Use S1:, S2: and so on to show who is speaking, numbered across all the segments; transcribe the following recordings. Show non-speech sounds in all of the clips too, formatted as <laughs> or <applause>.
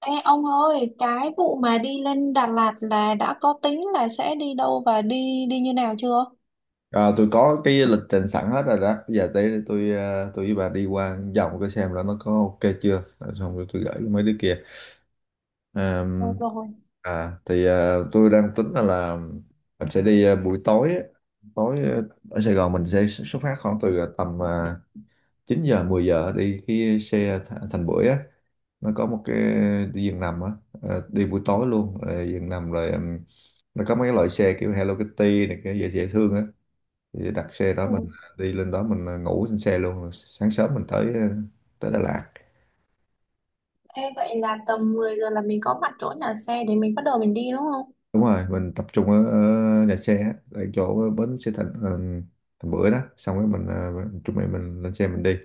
S1: Ê, ông ơi, cái vụ mà đi lên Đà Lạt là đã có tính là sẽ đi đâu và đi đi như nào chưa?
S2: À, tôi có cái lịch trình sẵn hết rồi đó. Bây giờ tới đây tôi với bà đi qua vòng cái xem là nó có ok chưa. Rồi. Xong rồi tôi gửi cho mấy đứa kia.
S1: Ờ,
S2: Ờm,
S1: rồi.
S2: À thì tôi đang tính là mình sẽ đi buổi tối á. Tối, ở Sài Gòn mình sẽ xuất phát khoảng từ tầm 9 giờ 10 giờ đi cái xe Thành Bưởi á. Nó có một cái đi giường nằm á. Đi buổi tối luôn. Ờ, giường nằm rồi nó có mấy cái loại xe kiểu Hello Kitty này cái dễ dễ thương á thì đặt xe đó mình
S1: Ừ.
S2: đi lên đó mình ngủ trên xe luôn rồi sáng sớm mình tới Đà Lạt.
S1: Ê, vậy là tầm mười giờ là mình có mặt chỗ nhà xe để mình bắt đầu mình đi đúng không?
S2: Đúng rồi mình tập trung ở nhà xe á, ở chỗ bến xe Thành Bưởi đó xong rồi mình chuẩn bị mình lên xe mình đi,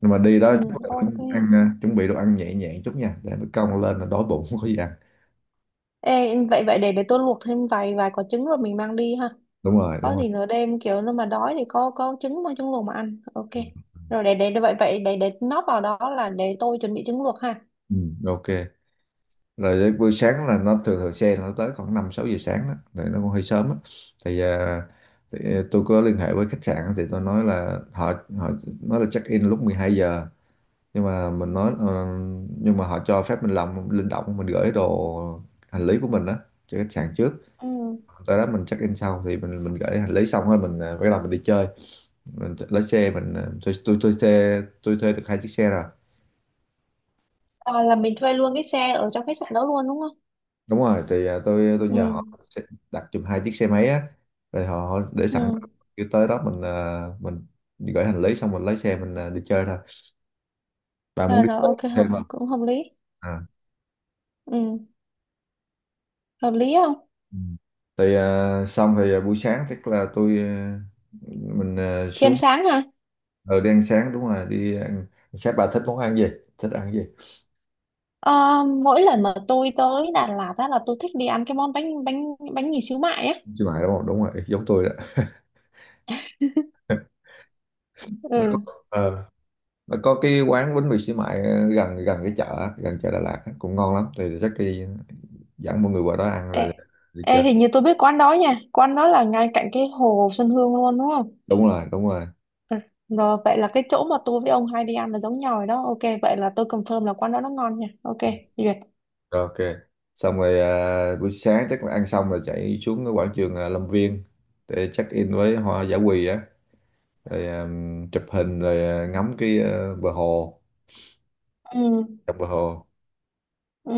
S2: nhưng mà đi
S1: Ừ,
S2: đó chắc là
S1: ok.
S2: cũng ăn chuẩn bị đồ ăn nhẹ nhẹ chút nha để nó cong lên là đói bụng <laughs> không có gì ăn.
S1: Ê, vậy vậy để tôi luộc thêm vài vài quả trứng rồi mình mang đi ha.
S2: Đúng rồi, đúng
S1: Có
S2: rồi.
S1: gì nửa đêm kiểu nó mà đói thì có trứng mà trứng luộc mà ăn, ok.
S2: Ừ.
S1: Rồi vậy vậy để nót vào đó là để tôi chuẩn bị trứng luộc ha.
S2: Ừ, ok. Rồi đến buổi sáng là nó thường thường xe nó tới khoảng 5 6 giờ sáng đó rồi, nó cũng hơi sớm á. Thì, tôi có liên hệ với khách sạn thì tôi nói là họ, họ nói là check in lúc 12 giờ, nhưng mà mình nói nhưng mà họ cho phép mình làm linh động, mình gửi đồ hành lý của mình đó cho khách sạn trước,
S1: Ừ.
S2: tới đó mình check in sau. Thì mình gửi hành lý xong rồi mình bắt đầu mình đi chơi, mình lái xe mình, tôi thuê được hai chiếc xe rồi.
S1: À, là mình thuê luôn cái xe ở trong khách sạn đó luôn đúng không?
S2: Đúng rồi, thì tôi
S1: Ừ.
S2: nhờ họ sẽ đặt giùm hai chiếc xe máy á, rồi họ họ để sẵn,
S1: Ừ.
S2: kêu tới đó mình gửi hành lý xong mình lấy xe mình đi chơi thôi. Bà muốn
S1: Ờ,
S2: đi
S1: rồi,
S2: chơi
S1: ok,
S2: xe
S1: hợp
S2: không?
S1: cũng hợp lý.
S2: À.
S1: Ừ, hợp lý không?
S2: Ừ. Thì xong thì buổi sáng tức là mình
S1: Thì
S2: xuống
S1: sáng hả?
S2: ở đi ăn sáng. Đúng rồi, đi ăn sáng. Bà thích món ăn gì? Thích ăn gì?
S1: Ờ, mỗi lần mà tôi tới Đà Lạt á là tôi thích đi ăn cái món bánh, bánh mì xíu mại á.
S2: Xí mại, đúng không? Đúng rồi, giống tôi đó. nó có,
S1: Ừ.
S2: ờ, nó có cái quán bánh mì xí mại, à, gần gần cái chợ á, gần chợ Đà Lạt á, cũng ngon lắm, thì chắc đi dẫn mọi người qua đó ăn
S1: ê,
S2: rồi đi
S1: ê,
S2: chơi.
S1: hình như tôi biết quán đó nha, quán đó là ngay cạnh cái hồ Xuân Hương luôn đúng không?
S2: Đúng rồi, đúng rồi.
S1: Ừ, rồi vậy là cái chỗ mà tôi với ông hay đi ăn là giống nhau rồi đó. Ok, vậy là tôi confirm là quán đó nó ngon nha. Ok, duyệt.
S2: Rồi, ok. Xong rồi buổi sáng chắc là ăn xong rồi chạy xuống cái quảng trường Lâm Viên để check in với hoa giả quỳ á, rồi chụp hình, rồi ngắm cái bờ hồ,
S1: Ừ.
S2: dọc bờ hồ.
S1: Ừ.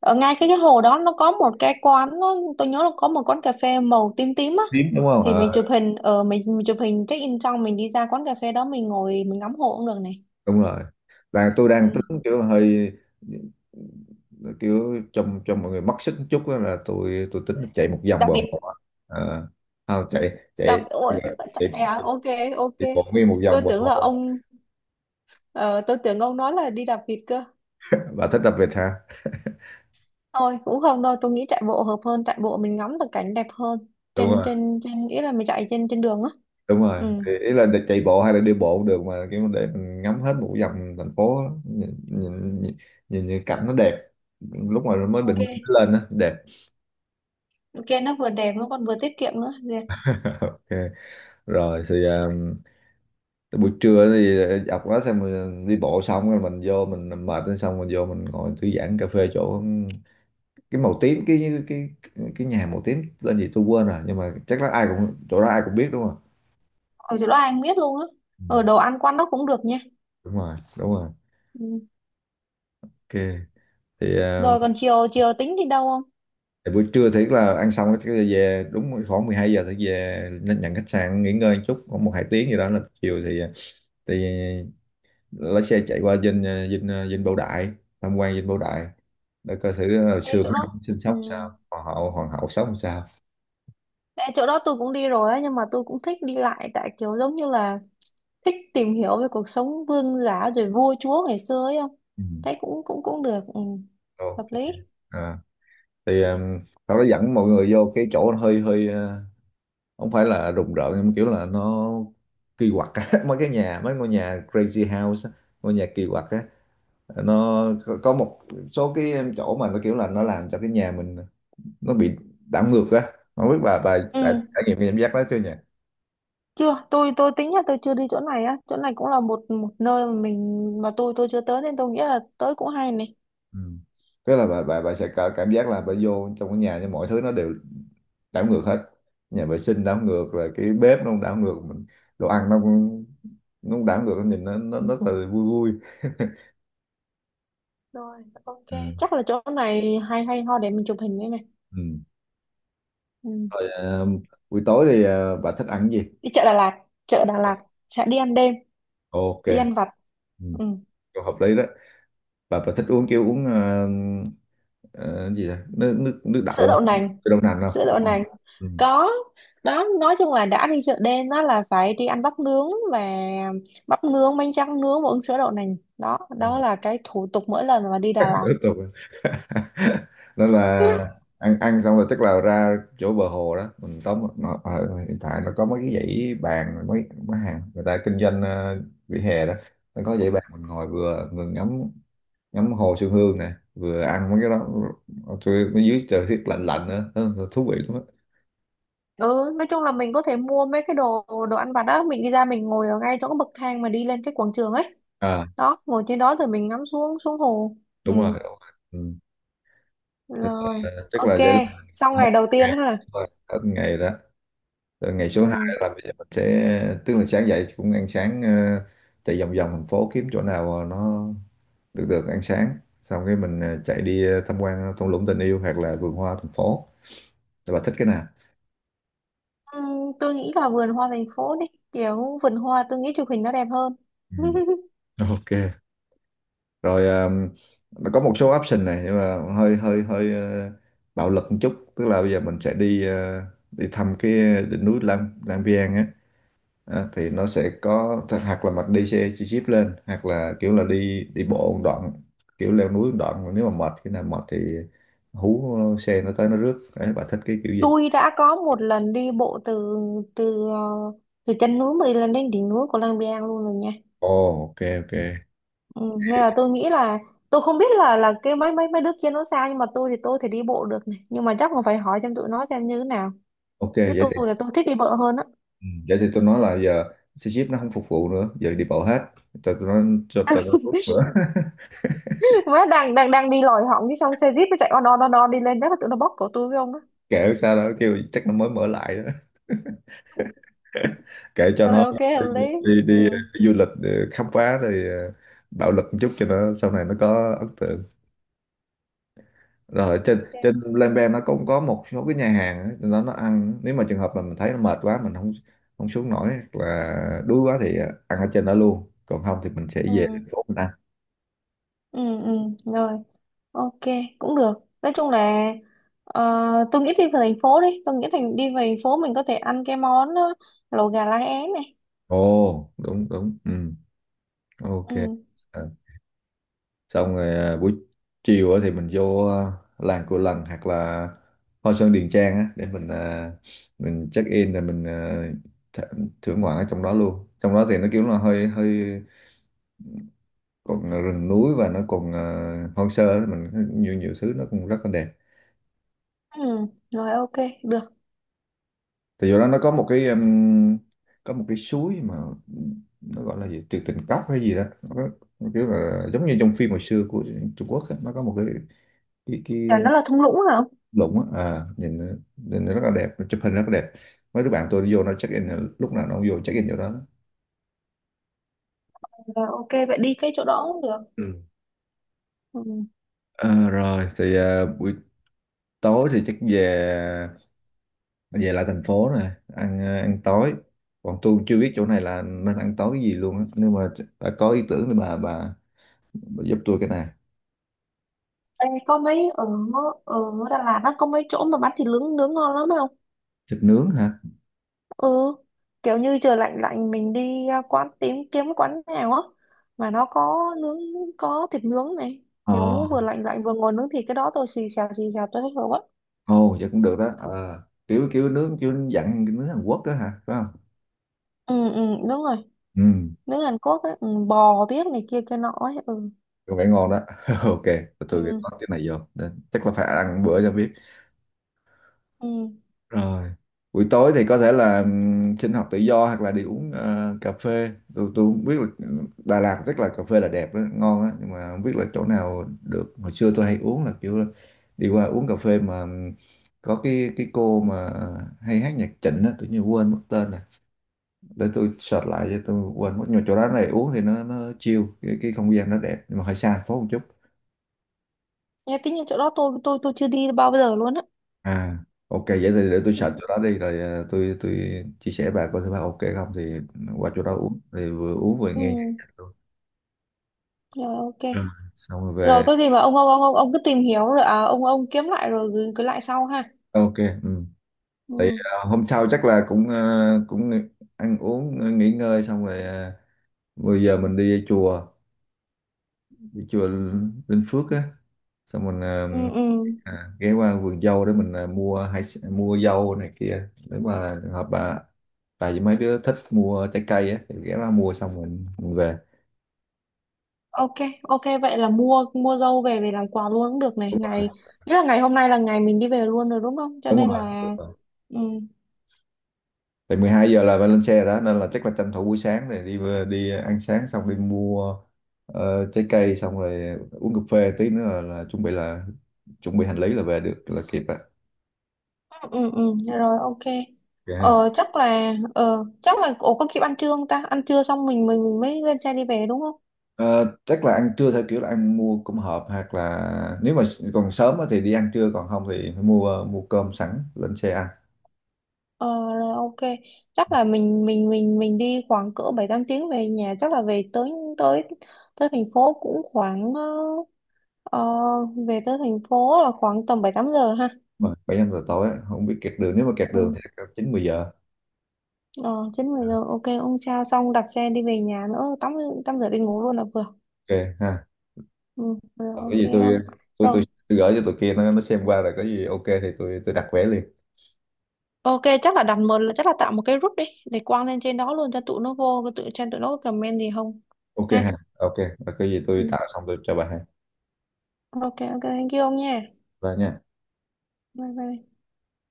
S1: Ở ngay cái hồ đó nó có một cái quán, nó, tôi nhớ là có một quán cà phê màu tím tím á,
S2: Tiếng, đúng không?
S1: thì
S2: Ờ,
S1: mình chụp hình ở mình, chụp hình check in xong mình đi ra quán cà phê đó mình ngồi mình ngắm hồ cũng được này.
S2: đúng rồi. Và tôi đang
S1: Ừ.
S2: tính kiểu hơi, kiểu cho mọi người mất sức một chút á, là tôi tính chạy một vòng
S1: Đặc
S2: bờ
S1: biệt.
S2: hồ. à, không chạy, chạy chạy,
S1: Ôi,
S2: chạy
S1: trời ạ, ok. Ok.
S2: bộ nguyên một
S1: Tôi
S2: vòng bờ
S1: tưởng là
S2: hồ.
S1: ông, ờ, tôi tưởng ông nói là đi đạp vịt cơ.
S2: Bà thích đặc biệt hả?
S1: Thôi cũng không đâu, tôi nghĩ chạy bộ hợp hơn, chạy bộ mình ngắm được cảnh đẹp hơn.
S2: Đúng
S1: Trên
S2: rồi,
S1: trên trên Nghĩa là mình chạy trên trên đường á.
S2: đúng rồi,
S1: Ừ.
S2: thì ý là chạy bộ hay là đi bộ cũng được, mà kiểu để mình ngắm hết một vòng thành phố á. Nhìn những cảnh nó đẹp lúc mà mới bình
S1: Ok.
S2: minh nó lên á, đẹp.
S1: Ok, nó vừa đẹp nó còn vừa tiết kiệm nữa. Dạ.
S2: <laughs> Ok. Rồi thì tới buổi trưa thì, dọc đó xong mình đi bộ xong rồi mình vô, mình mệt lên xong mình vô mình ngồi thư giãn cà phê chỗ, cái màu tím, cái nhà màu tím tên gì tôi quên rồi, nhưng mà chắc là ai cũng chỗ đó ai cũng biết, đúng không?
S1: Ở chỗ đó anh biết luôn á.
S2: Ừ.
S1: Ở đồ ăn quán đó cũng được nha.
S2: Đúng rồi, đúng rồi.
S1: Ừ.
S2: Ok. Thì
S1: Rồi còn chiều, tính đi đâu không?
S2: thì buổi trưa thì là ăn xong cái về đúng khoảng 12 giờ, thì về lên nhận khách sạn nghỉ ngơi một chút khoảng 1 2 tiếng gì đó, là chiều thì, thì lái xe chạy qua dinh, dinh Bảo Đại, tham quan dinh Bảo Đại để coi thử hồi
S1: Ê
S2: xưa mấy
S1: chỗ đó.
S2: ông sinh
S1: Ừ.
S2: sống sao, hoàng hậu sống sao.
S1: Ê, chỗ đó tôi cũng đi rồi á nhưng mà tôi cũng thích đi lại, tại kiểu giống như là thích tìm hiểu về cuộc sống vương giả rồi vua chúa ngày xưa ấy không,
S2: Ừ.
S1: thấy cũng cũng cũng được. Ừ.
S2: Ok.
S1: Hợp lý.
S2: à, thì nó dẫn mọi người vô cái chỗ nó hơi hơi, không phải là rùng rợn nhưng mà kiểu là nó kỳ quặc á, <laughs> mấy cái nhà, mấy ngôi nhà crazy house á, ngôi nhà kỳ quặc á, nó có một số cái chỗ mà nó kiểu là nó làm cho cái nhà mình nó bị đảo ngược á. Không biết bà đã
S1: Ừ.
S2: trải nghiệm cái cảm giác đó chưa nhỉ?
S1: Chưa, tôi tính là tôi chưa đi chỗ này á, chỗ này cũng là một một nơi mà mình mà tôi chưa tới nên tôi nghĩ là tới cũng hay này.
S2: Ừ. Tức là bà sẽ có cảm giác là bà vô trong cái nhà nhưng mọi thứ nó đều đảo ngược hết, nhà vệ sinh đảo ngược, rồi cái bếp nó cũng đảo ngược, mình đồ ăn nó cũng, nó cũng đảo ngược, nhìn nó rất là vui vui.
S1: Rồi, ok.
S2: Ừ.
S1: Chắc là chỗ này hay hay ho để mình chụp hình đây này.
S2: Ừ.
S1: Ừ.
S2: Rồi buổi tối thì bà thích ăn cái gì?
S1: Đi chợ Đà Lạt. chợ Đà Lạt sẽ đi ăn đêm,
S2: Ok.
S1: đi ăn vặt.
S2: Ừ.
S1: Ừ.
S2: Câu hợp lý đó. Bà thích uống kiểu uống gì à? Nước nước nước đậu
S1: Sữa
S2: không,
S1: đậu nành.
S2: cái đậu nành không?
S1: sữa đậu nành
S2: Ừ.
S1: có đó. Nói chung là đã đi chợ đêm đó là phải đi ăn bắp nướng, bánh tráng nướng và uống sữa đậu nành, đó đó là cái thủ tục mỗi lần mà đi
S2: Rất
S1: Đà Lạt.
S2: là quen. <laughs> Nên là
S1: <laughs>
S2: ăn ăn xong rồi tức là ra chỗ bờ hồ đó, mình tóm một-, nó ở hiện tại nó có mấy cái dãy bàn, mấy mấy hàng người ta kinh doanh vỉa hè đó, nó có dãy bàn mình ngồi vừa vừa ngắm ngắm hồ Xuân Hương nè, vừa ăn mấy cái đó, tôi ở dưới trời tiết lạnh lạnh nữa. Nó-, nó thú vị lắm á.
S1: Ừ, nói chung là mình có thể mua mấy cái đồ đồ ăn vặt đó mình đi ra mình ngồi ở ngay chỗ cái bậc thang mà đi lên cái quảng trường ấy,
S2: À.
S1: đó, ngồi trên đó rồi mình ngắm xuống xuống hồ. Ừ.
S2: Đúng rồi, đúng rồi. Ừ. tức
S1: Rồi,
S2: là, tức
S1: ok.
S2: là vậy là
S1: Xong
S2: hết
S1: ngày đầu
S2: ngày,
S1: tiên ha.
S2: rồi, hết ngày đó. Rồi ngày số 2
S1: Ừ.
S2: là bây giờ mình sẽ, tức là sáng dậy cũng ăn sáng, chạy vòng vòng thành phố kiếm chỗ nào nó được được ăn sáng, xong cái mình chạy đi tham quan thung lũng tình yêu hoặc là vườn hoa thành phố, rồi bà thích cái nào?
S1: Ừ, tôi nghĩ là vườn hoa thành phố đi, kiểu vườn hoa tôi nghĩ chụp hình nó đẹp hơn.
S2: Ừ.
S1: <laughs>
S2: Ok. Rồi nó có một số option này nhưng mà hơi hơi hơi bạo lực một chút, tức là bây giờ mình sẽ đi, ờ, đi thăm cái đỉnh núi Lang Lang Biang á. Thì nó sẽ có hoặc là mình đi xe chi chít lên hoặc là kiểu là đi đi bộ một đoạn, kiểu leo núi một đoạn mà nếu mà mệt, khi nào mệt thì hú xe nó tới nó rước, đấy bà thích cái kiểu gì?
S1: Tôi đã có một lần đi bộ từ từ ờ, từ chân núi mà đi lên đến đỉnh núi của Lang Biang luôn rồi nha.
S2: Ồ, ok, ok.
S1: Ừ, nên là tôi nghĩ là tôi không biết là cái mấy mấy mấy đứa kia nó sao nhưng mà tôi thì tôi thể đi bộ được này, nhưng mà chắc còn phải hỏi xem tụi nó xem như thế nào,
S2: Ok,
S1: chứ
S2: vậy thì,
S1: tôi là tôi thích đi bộ hơn á.
S2: ừ, vậy thì tôi nói là giờ xe jeep nó không phục vụ nữa, giờ đi bộ hết, cho tôi nói, cho tôi rút nữa.
S1: <laughs>
S2: <laughs>
S1: Má đang đang đang đi lòi họng cái xong xe jeep nó chạy on on on on đi lên chắc là tụi nó bóp cổ tôi với ông á.
S2: Kệ sao đó, kêu chắc nó mới mở lại đó, kệ cho
S1: Rồi,
S2: nó,
S1: ok, hợp lý.
S2: đi đi, đi,
S1: Ừ.
S2: đi du lịch để khám phá, rồi bạo lực một chút cho nó sau này nó có ấn tượng. Rồi trên,
S1: Ok.
S2: trên Lembe nó cũng có một số cái nhà hàng á, nó ăn, nếu mà trường hợp mà mình thấy nó mệt quá mình không, không xuống nổi hoặc là đuối quá thì ăn ở trên đó luôn, còn không thì mình sẽ về
S1: Ừ.
S2: thành phố mình ăn.
S1: Ừ, ừ. Rồi, ok, cũng được. Nói chung là, ờ, tôi nghĩ đi về thành phố đi, tôi nghĩ đi về thành phố mình có thể ăn cái món, lẩu gà lá é này.
S2: Ồ, đúng, đúng. Ừ. Ok.
S1: Ừ.
S2: Ờ, xong rồi buổi chiều á thì mình vô làng Cù Lần hoặc là Hoa Sơn Điền Trang á, để mình mình check in rồi mình à, th thưởng ngoạn ở trong đó luôn, trong đó thì nó kiểu là hơi hơi, còn rừng núi và nó còn hoang sơ, thì mình nhiều nhiều thứ nó cũng rất là đẹp.
S1: Ừ. Rồi, ok, được.
S2: Thì do đó nó có một cái, có một cái suối mà nó gọi là gì tuyệt tình cốc hay gì đó, nó kiểu là giống như trong phim hồi xưa của Trung Quốc á, nó có một cái, cái
S1: Chả nó là thung lũng hả?
S2: lũng á, nhìn nó rất là đẹp, chụp hình rất là đẹp. Mấy đứa bạn tôi đi vô nó check in, lúc nào nó cũng vô check in chỗ đó.
S1: Rồi, ok, vậy đi cái chỗ đó cũng được.
S2: Ừ.
S1: Ừ.
S2: Ờ, rồi thì buổi tối thì chắc về, về lại thành phố nè ăn, ăn tối, còn tôi chưa biết chỗ này là nên ăn tối cái gì luôn á, nhưng mà bà có ý tưởng thì bà giúp tôi cái này.
S1: Ê, có mấy ở, ở Đà Lạt á có mấy chỗ mà bán thịt nướng nướng ngon lắm không?
S2: Thịt nướng hả?
S1: Ừ, kiểu như trời lạnh lạnh mình đi, quán, tìm kiếm cái quán nào á mà nó có nướng, có thịt nướng này, kiểu
S2: Ờ.
S1: vừa lạnh lạnh vừa ngồi nướng thịt cái đó tôi xì xào tôi thích rồi quá.
S2: Ồ, vậy cũng được đó. Ờ kiểu kiểu nướng kiểu dặn cái nướng Hàn Quốc đó hả, phải không?
S1: Ừ, ừ. Đúng rồi,
S2: Ừ.
S1: nướng Hàn Quốc ấy. Ừ, bò biết này kia kia nọ ấy. Ừ.
S2: Có vẻ ngon đó. <laughs> Ok. Ghi
S1: Ừ.
S2: có cái này vô, chắc là phải ăn bữa cho biết.
S1: Ừ.
S2: Rồi, buổi tối thì có thể là sinh hoạt tự do hoặc là đi uống cà phê. Tôi không biết là Đà Lạt rất là cà phê là đẹp đó, ngon á, nhưng mà không biết là chỗ nào được. Hồi xưa tôi hay uống là kiểu đi qua uống cà phê mà có cái cô mà hay hát nhạc Trịnh á, tự nhiên quên mất tên rồi, để tôi search lại cho, tôi quên mất, nhưng mà chỗ đó này uống thì nó chill, cái không gian nó đẹp nhưng mà hơi xa thành phố một chút.
S1: Nghe tính như chỗ đó tôi chưa đi bao giờ luôn á.
S2: À, ok, vậy thì để tôi
S1: Ừ,
S2: search chỗ đó đi rồi tôi chia sẻ bà coi thử bà ok không, thì qua chỗ đó uống thì vừa uống vừa
S1: ừ,
S2: nghe nhạc, nhạc luôn.
S1: rồi ok.
S2: Rồi. Xong rồi
S1: Rồi
S2: về.
S1: có gì mà ông cứ tìm hiểu rồi, à, ông kiếm lại rồi gửi gửi lại sau ha.
S2: Ok. Ừ. Thì
S1: Ừ.
S2: hôm sau chắc là cũng ờ, cũng nghỉ- ăn uống nghỉ ngơi, xong rồi 10 giờ mình đi chùa, đi chùa Linh Phước á, xong mình
S1: Ừ. Ừ.
S2: ghé qua vườn dâu để mình mua mua dâu này kia, nếu mà trường hợp bà với mấy đứa thích mua trái cây á thì ghé qua mua, xong mình về.
S1: Ok, ok vậy là mua mua dâu về về làm quà luôn cũng được này. Nghĩa là ngày hôm nay là ngày mình đi về luôn rồi đúng không? Cho
S2: Đúng
S1: nên
S2: rồi, đúng
S1: là,
S2: rồi.
S1: ừ.
S2: Thì 12 giờ là phải lên xe rồi đó, nên là chắc là tranh thủ buổi sáng này đi, đi ăn sáng xong đi mua trái cây, xong rồi uống cà phê tí nữa là chuẩn bị, là chuẩn bị hành lý là về được là kịp đó.
S1: Ừ. Ừ. Ừ, rồi ok.
S2: Dạ ha.
S1: Chắc là ổ có kịp ăn trưa không ta? Ăn trưa xong mình mới lên xe đi về đúng không?
S2: Ờ, chắc là ăn trưa theo kiểu là ăn mua cơm hộp, hoặc là nếu mà còn sớm á thì đi ăn trưa, còn không thì phải mua, mua cơm sẵn lên xe ăn.
S1: Ờ, rồi, ok. Chắc là mình đi khoảng cỡ 7 8 tiếng về nhà, chắc là về tới tới tới thành phố cũng khoảng, ờ, về tới thành phố là khoảng tầm 7 8 giờ ha.
S2: Mà bảy năm giờ tối á, không biết kẹt đường, nếu mà kẹt đường
S1: Ừ.
S2: thì chắc 9 10 giờ.
S1: Ờ, 9 10 giờ, ok ông, sao xong đặt xe đi về nhà nữa tắm tắm rửa đi ngủ luôn là vừa.
S2: Ok ha.
S1: Ừ, rồi,
S2: Còn cái
S1: ok.
S2: gì
S1: Ông,
S2: tôi, tôi tôi,
S1: rồi
S2: tôi gửi cho tụi kia nó xem qua rồi, có gì ok thì tôi đặt vé liền.
S1: ok chắc là tạo một cái group đi để quăng lên trên đó luôn cho tụi nó vô, cho tụi nó comment gì không
S2: Ok
S1: ha.
S2: ha. Ok. Và cái gì
S1: Ừ.
S2: tôi tạo xong tôi cho bà ha.
S1: Ok, ok, thank you ông nha.
S2: Và nha.
S1: Bye bye.